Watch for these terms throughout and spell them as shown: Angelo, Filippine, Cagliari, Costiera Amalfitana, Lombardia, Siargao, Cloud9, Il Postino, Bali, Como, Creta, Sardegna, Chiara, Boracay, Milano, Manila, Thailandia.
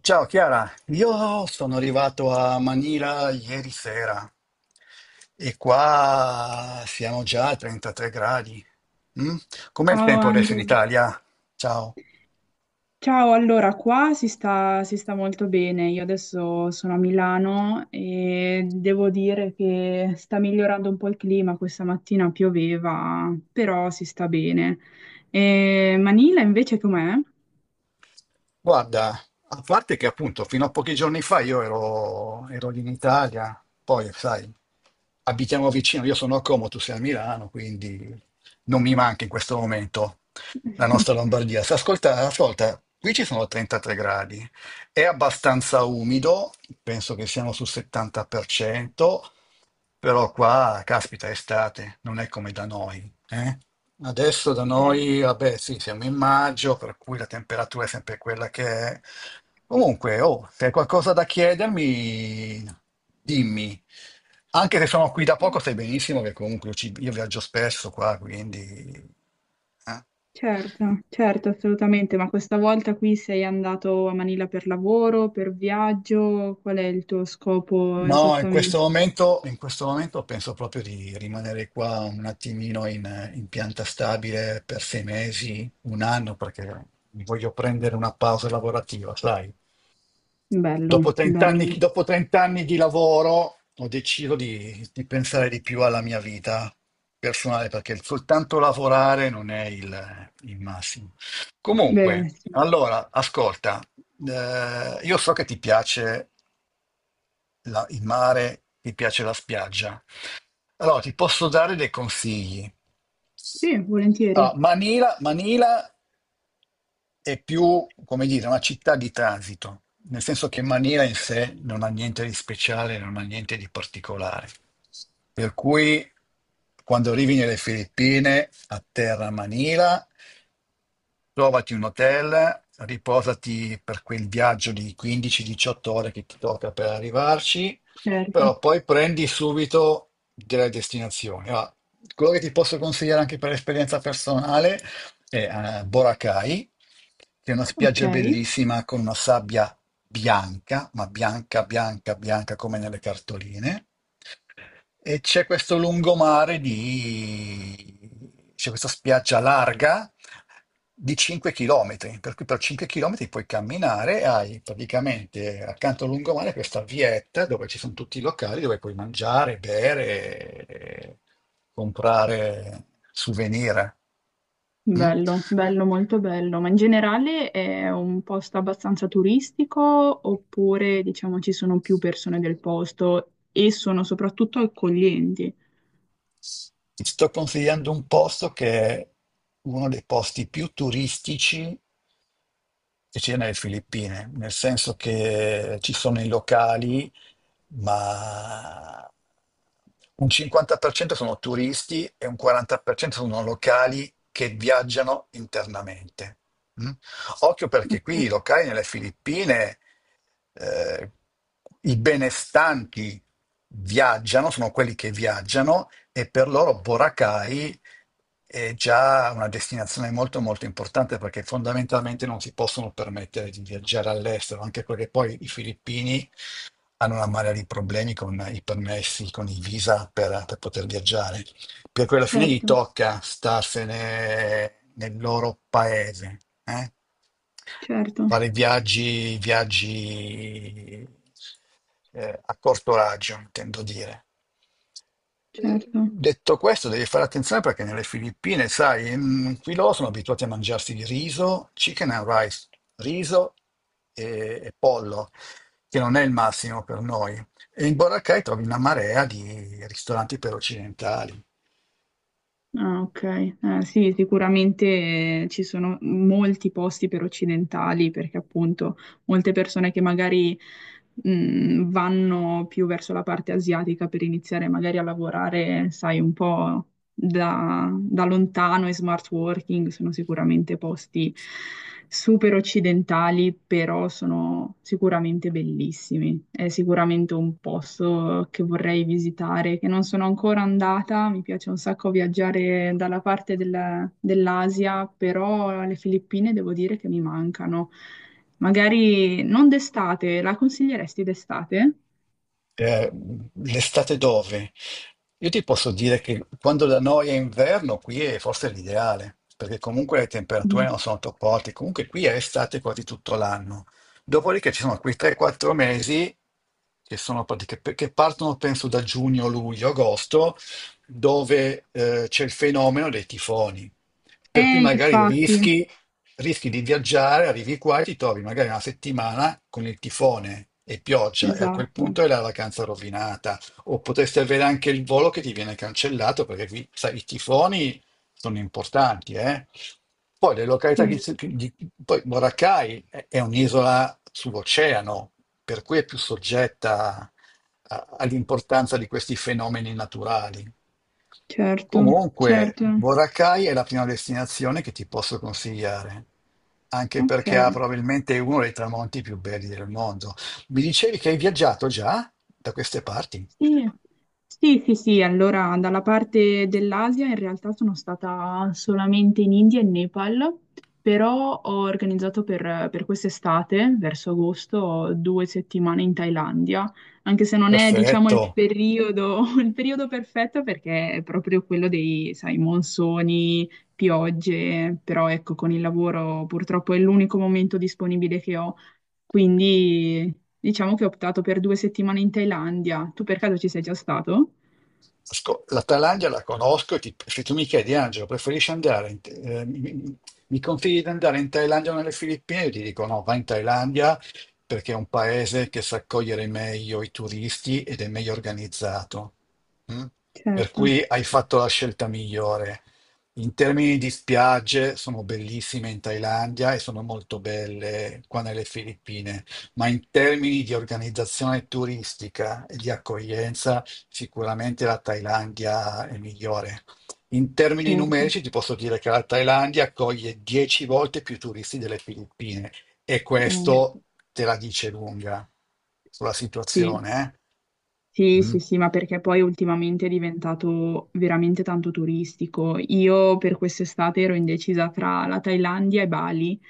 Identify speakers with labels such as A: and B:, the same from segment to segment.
A: Ciao Chiara, io sono arrivato a Manila ieri sera e qua siamo già a 33 gradi. Mm? Com'è il
B: Ciao
A: tempo adesso in
B: Angelo.
A: Italia? Ciao.
B: Ciao, allora qua si sta molto bene. Io adesso sono a Milano e devo dire che sta migliorando un po' il clima. Questa mattina pioveva, però si sta bene. E Manila invece com'è?
A: Guarda, a parte che appunto fino a pochi giorni fa io ero lì in Italia, poi sai, abitiamo vicino, io sono a Como, tu sei a Milano, quindi non mi manca in questo momento la nostra Lombardia. Se ascolta, qui ci sono 33 gradi, è abbastanza umido, penso che siamo sul 70%, però qua, caspita, è estate, non è come da noi, eh. Adesso da
B: Eh,
A: noi, vabbè, sì, siamo in maggio, per cui la temperatura è sempre quella che è. Comunque, oh, se hai qualcosa da chiedermi, dimmi. Anche se sono qui da poco, sai benissimo che comunque io viaggio spesso qua, quindi... eh.
B: certo, certo, assolutamente. Ma questa volta qui sei andato a Manila per lavoro, per viaggio? Qual è il tuo scopo
A: No, in questo
B: esattamente?
A: momento, in questo momento penso proprio di rimanere qua un attimino in pianta stabile per 6 mesi, 1 anno, perché mi voglio prendere una pausa lavorativa, sai.
B: Bello,
A: Dopo 30 anni,
B: bello.
A: dopo 30 anni di lavoro ho deciso di pensare di più alla mia vita personale, perché soltanto lavorare non è il massimo.
B: Beh,
A: Comunque,
B: sì.
A: allora, ascolta, io so che ti piace il mare, ti piace la spiaggia. Allora, ti posso dare dei consigli.
B: Sì, volentieri,
A: Allora, Manila è più, come dire, una città di transito, nel senso che Manila in sé non ha niente di speciale, non ha niente di particolare. Per cui quando arrivi nelle Filippine, atterra a Manila, trovati un hotel, riposati per quel viaggio di 15-18 ore che ti tocca per arrivarci, però
B: certo.
A: poi prendi subito delle destinazioni. Allora, quello che ti posso consigliare anche per esperienza personale è Boracay, che è una
B: Ok,
A: spiaggia bellissima con una sabbia bianca, ma bianca, bianca, bianca come nelle cartoline, e c'è questo lungomare di... c'è questa spiaggia larga di 5 km, per cui per 5 km puoi camminare e hai praticamente accanto al lungomare questa vietta dove ci sono tutti i locali dove puoi mangiare, bere, e comprare souvenir. Mm?
B: bello, bello, molto bello. Ma in generale è un posto abbastanza turistico oppure, diciamo, ci sono più persone del posto e sono soprattutto accoglienti?
A: Ti sto consigliando un posto che è uno dei posti più turistici che c'è nelle Filippine, nel senso che ci sono i locali, ma un 50% sono turisti e un 40% sono locali che viaggiano internamente. Mm? Occhio perché
B: Ok,
A: qui i locali nelle Filippine, eh, i benestanti viaggiano, sono quelli che viaggiano, e per loro Boracay è già una destinazione molto molto importante perché fondamentalmente non si possono permettere di viaggiare all'estero, anche perché poi i filippini hanno una marea di problemi con i permessi, con i visa per poter viaggiare, per cui alla fine gli
B: certo,
A: tocca starsene nel loro paese, eh?
B: certo,
A: Fare viaggi a corto raggio, intendo dire.
B: certo.
A: Detto questo, devi fare attenzione perché nelle Filippine, sai, qui loro sono abituati a mangiarsi il riso, chicken and rice, riso e pollo, che non è il massimo per noi. E in Boracay trovi una marea di ristoranti per occidentali.
B: Ah, ok. Sì, sicuramente ci sono molti posti per occidentali, perché appunto molte persone che magari vanno più verso la parte asiatica per iniziare magari a lavorare, sai, un po' da lontano e smart working sono sicuramente posti super occidentali, però sono sicuramente bellissimi. È sicuramente un posto che vorrei visitare, che non sono ancora andata. Mi piace un sacco viaggiare dalla parte del- dell'Asia, però le Filippine devo dire che mi mancano. Magari non d'estate, la consiglieresti d'estate?
A: Eh, l'estate dove? Io ti posso dire che quando da noi è inverno, qui è forse l'ideale, perché comunque le temperature
B: Mhm.
A: non sono troppo alte, comunque qui è estate quasi tutto l'anno. Dopodiché ci sono quei 3-4 mesi che, che partono penso da giugno, luglio, agosto, dove c'è il fenomeno dei tifoni. Per cui magari
B: Infatti,
A: rischi di viaggiare, arrivi qua e ti trovi magari una settimana con il tifone e pioggia e a quel
B: esatto.
A: punto è la vacanza rovinata. O potresti avere anche il volo che ti viene cancellato perché qui, sai, i tifoni sono importanti, eh. Poi le località che
B: Sì.
A: si- di- poi Boracay è un'isola sull'oceano, per cui è più soggetta all'importanza di questi fenomeni naturali.
B: Certo,
A: Comunque,
B: certo,
A: Boracay è la prima destinazione che ti posso consigliare, anche
B: ok.
A: perché ha probabilmente uno dei tramonti più belli del mondo. Mi dicevi che hai viaggiato già da queste parti?
B: Sì, sì, sì, sì, allora dalla parte dell'Asia in realtà sono stata solamente in India e Nepal, però ho organizzato per quest'estate, verso agosto, 2 settimane in Thailandia, anche se non è, diciamo,
A: Perfetto.
B: il periodo, il periodo perfetto perché è proprio quello dei, sai, monsoni, piogge, però ecco, con il lavoro purtroppo è l'unico momento disponibile che ho. Quindi diciamo che ho optato per 2 settimane in Thailandia. Tu per caso ci sei già stato?
A: La Thailandia la conosco, e se tu mi chiedi, Angelo, preferisci andare, mi consigli di andare in Thailandia o nelle Filippine? Io ti dico no, vai in Thailandia perché è un paese che sa accogliere meglio i turisti ed è meglio organizzato. Mm? Per
B: Certo,
A: cui hai fatto la scelta migliore. In termini di spiagge, sono bellissime in Thailandia e sono molto belle qua nelle Filippine, ma in termini di organizzazione turistica e di accoglienza, sicuramente la Thailandia è migliore. In termini
B: certo.
A: numerici ti posso dire che la Thailandia accoglie 10 volte più turisti delle Filippine, e
B: Eh,
A: questo te la dice lunga sulla
B: Sì,
A: situazione, eh?
B: Sì,
A: Mm.
B: sì, sì, ma perché poi ultimamente è diventato veramente tanto turistico. Io per quest'estate ero indecisa tra la Thailandia e Bali,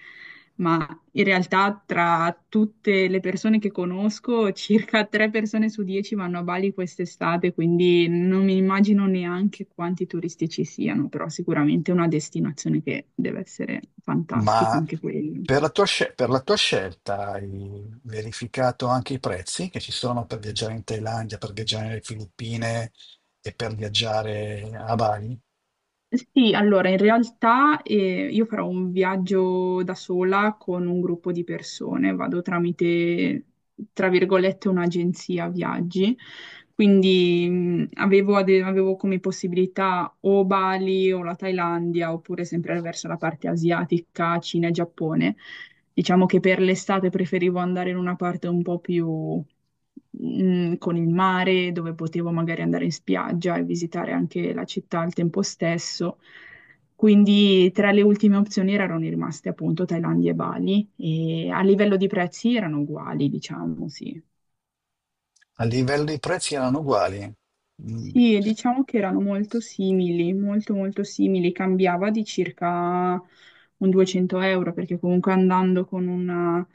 B: ma in realtà tra tutte le persone che conosco, circa tre persone su 10 vanno a Bali quest'estate, quindi non mi immagino neanche quanti turisti ci siano, però sicuramente è una destinazione che deve essere fantastica
A: Ma
B: anche quella.
A: per la per la tua scelta hai verificato anche i prezzi che ci sono per viaggiare in Thailandia, per viaggiare nelle Filippine e per viaggiare a Bali?
B: Sì, allora in realtà io farò un viaggio da sola con un gruppo di persone, vado tramite, tra virgolette, un'agenzia viaggi, quindi avevo come possibilità o Bali o la Thailandia oppure sempre verso la parte asiatica, Cina e Giappone. Diciamo che per l'estate preferivo andare in una parte un po' più con il mare, dove potevo magari andare in spiaggia e visitare anche la città al tempo stesso. Quindi tra le ultime opzioni erano rimaste appunto Thailandia e Bali e a livello di prezzi erano uguali, diciamo, sì.
A: A livello di prezzi erano uguali. Mm.
B: Sì, diciamo che erano molto simili, molto molto simili, cambiava di circa un 200 euro perché comunque andando con una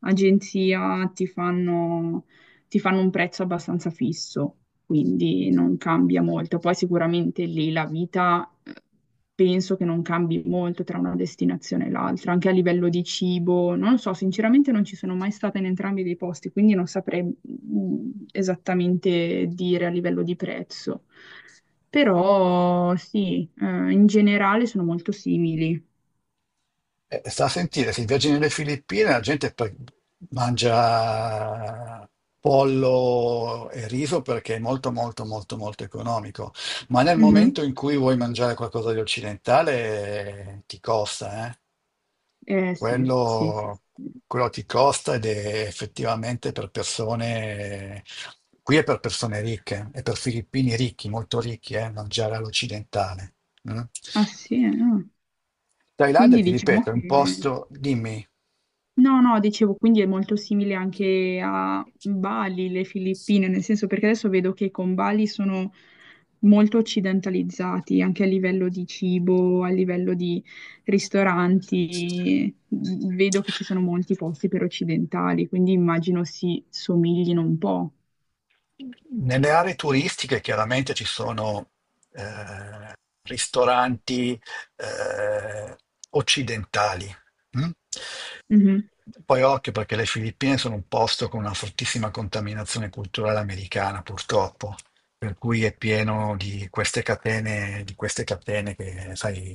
B: agenzia ti fanno un prezzo abbastanza fisso, quindi non cambia molto. Poi sicuramente lì la vita penso che non cambi molto tra una destinazione e l'altra, anche a livello di cibo, non lo so, sinceramente non ci sono mai stata in entrambi dei posti, quindi non saprei esattamente dire a livello di prezzo. Però sì, in generale sono molto simili.
A: Sta a sentire, se viaggi nelle Filippine la gente mangia pollo e riso perché è molto molto molto molto economico, ma nel
B: Mhm.
A: momento in cui vuoi mangiare qualcosa di occidentale, ti costa, eh.
B: Eh sì, sì, sì,
A: Quello,
B: sì.
A: quello ti costa ed è effettivamente per persone, qui è per persone ricche, è per filippini ricchi, molto ricchi, mangiare all'occidentale. Mm.
B: Ah sì, no.
A: Thailandia,
B: Quindi
A: ti
B: diciamo
A: ripeto, è un
B: che...
A: posto, dimmi.
B: No, no, dicevo, quindi è molto simile anche a Bali, le Filippine, nel senso perché adesso vedo che con Bali sono molto occidentalizzati, anche a livello di cibo, a livello di ristoranti. Vedo che ci sono molti posti per occidentali, quindi immagino si somiglino un po'.
A: Nelle aree turistiche chiaramente ci sono eh, ristoranti eh, occidentali. Mm?
B: Mhm,
A: Poi occhio perché le Filippine sono un posto con una fortissima contaminazione culturale americana, purtroppo, per cui è pieno di queste catene che, sai,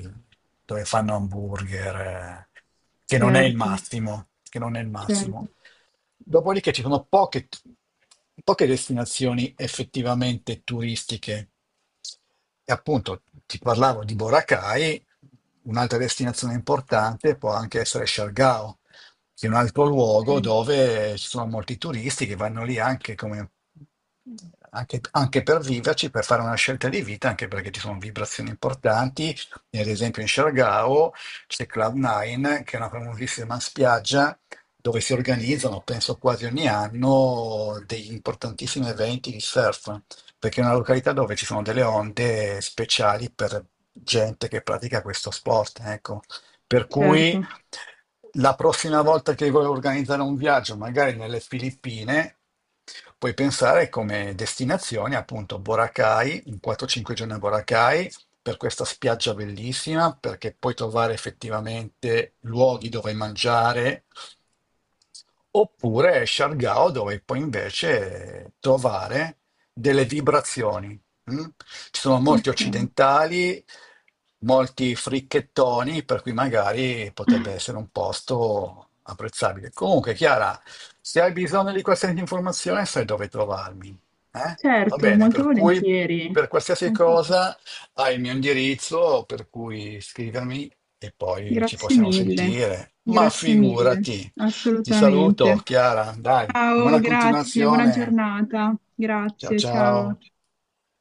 A: dove fanno hamburger, che non è il
B: certo,
A: massimo, che non è il
B: certo,
A: massimo. Dopodiché ci sono poche destinazioni effettivamente turistiche. E appunto ti parlavo di Boracay. Un'altra destinazione importante può anche essere Siargao, che è un altro luogo
B: ok,
A: dove ci sono molti turisti che vanno lì anche, anche per viverci, per fare una scelta di vita, anche perché ci sono vibrazioni importanti. E ad esempio in Siargao c'è Cloud9, che è una famosissima spiaggia dove si organizzano, penso quasi ogni anno, degli importantissimi eventi di surf perché è una località dove ci sono delle onde speciali per gente che pratica questo sport, ecco. Per cui
B: certo,
A: la prossima volta che vuoi organizzare un viaggio, magari nelle Filippine, puoi pensare come destinazione appunto Boracay, un 4-5 giorni a Boracay, per questa spiaggia bellissima, perché puoi trovare effettivamente luoghi dove mangiare, oppure Siargao, dove puoi invece trovare delle vibrazioni. Mm? Ci sono molti
B: ok.
A: occidentali, molti fricchettoni, per cui magari potrebbe essere un posto apprezzabile. Comunque, Chiara, se hai bisogno di qualsiasi informazione, sai dove trovarmi, eh? Va
B: Certo,
A: bene,
B: molto
A: per cui
B: volentieri.
A: per qualsiasi
B: Molto volentieri.
A: cosa hai il mio indirizzo, per cui scrivermi e poi ci
B: Grazie
A: possiamo
B: mille,
A: sentire. Ma
B: grazie mille,
A: figurati. Ti saluto,
B: assolutamente.
A: Chiara, dai. Buona
B: Ciao, grazie, buona
A: continuazione.
B: giornata.
A: Ciao
B: Grazie, ciao.
A: ciao.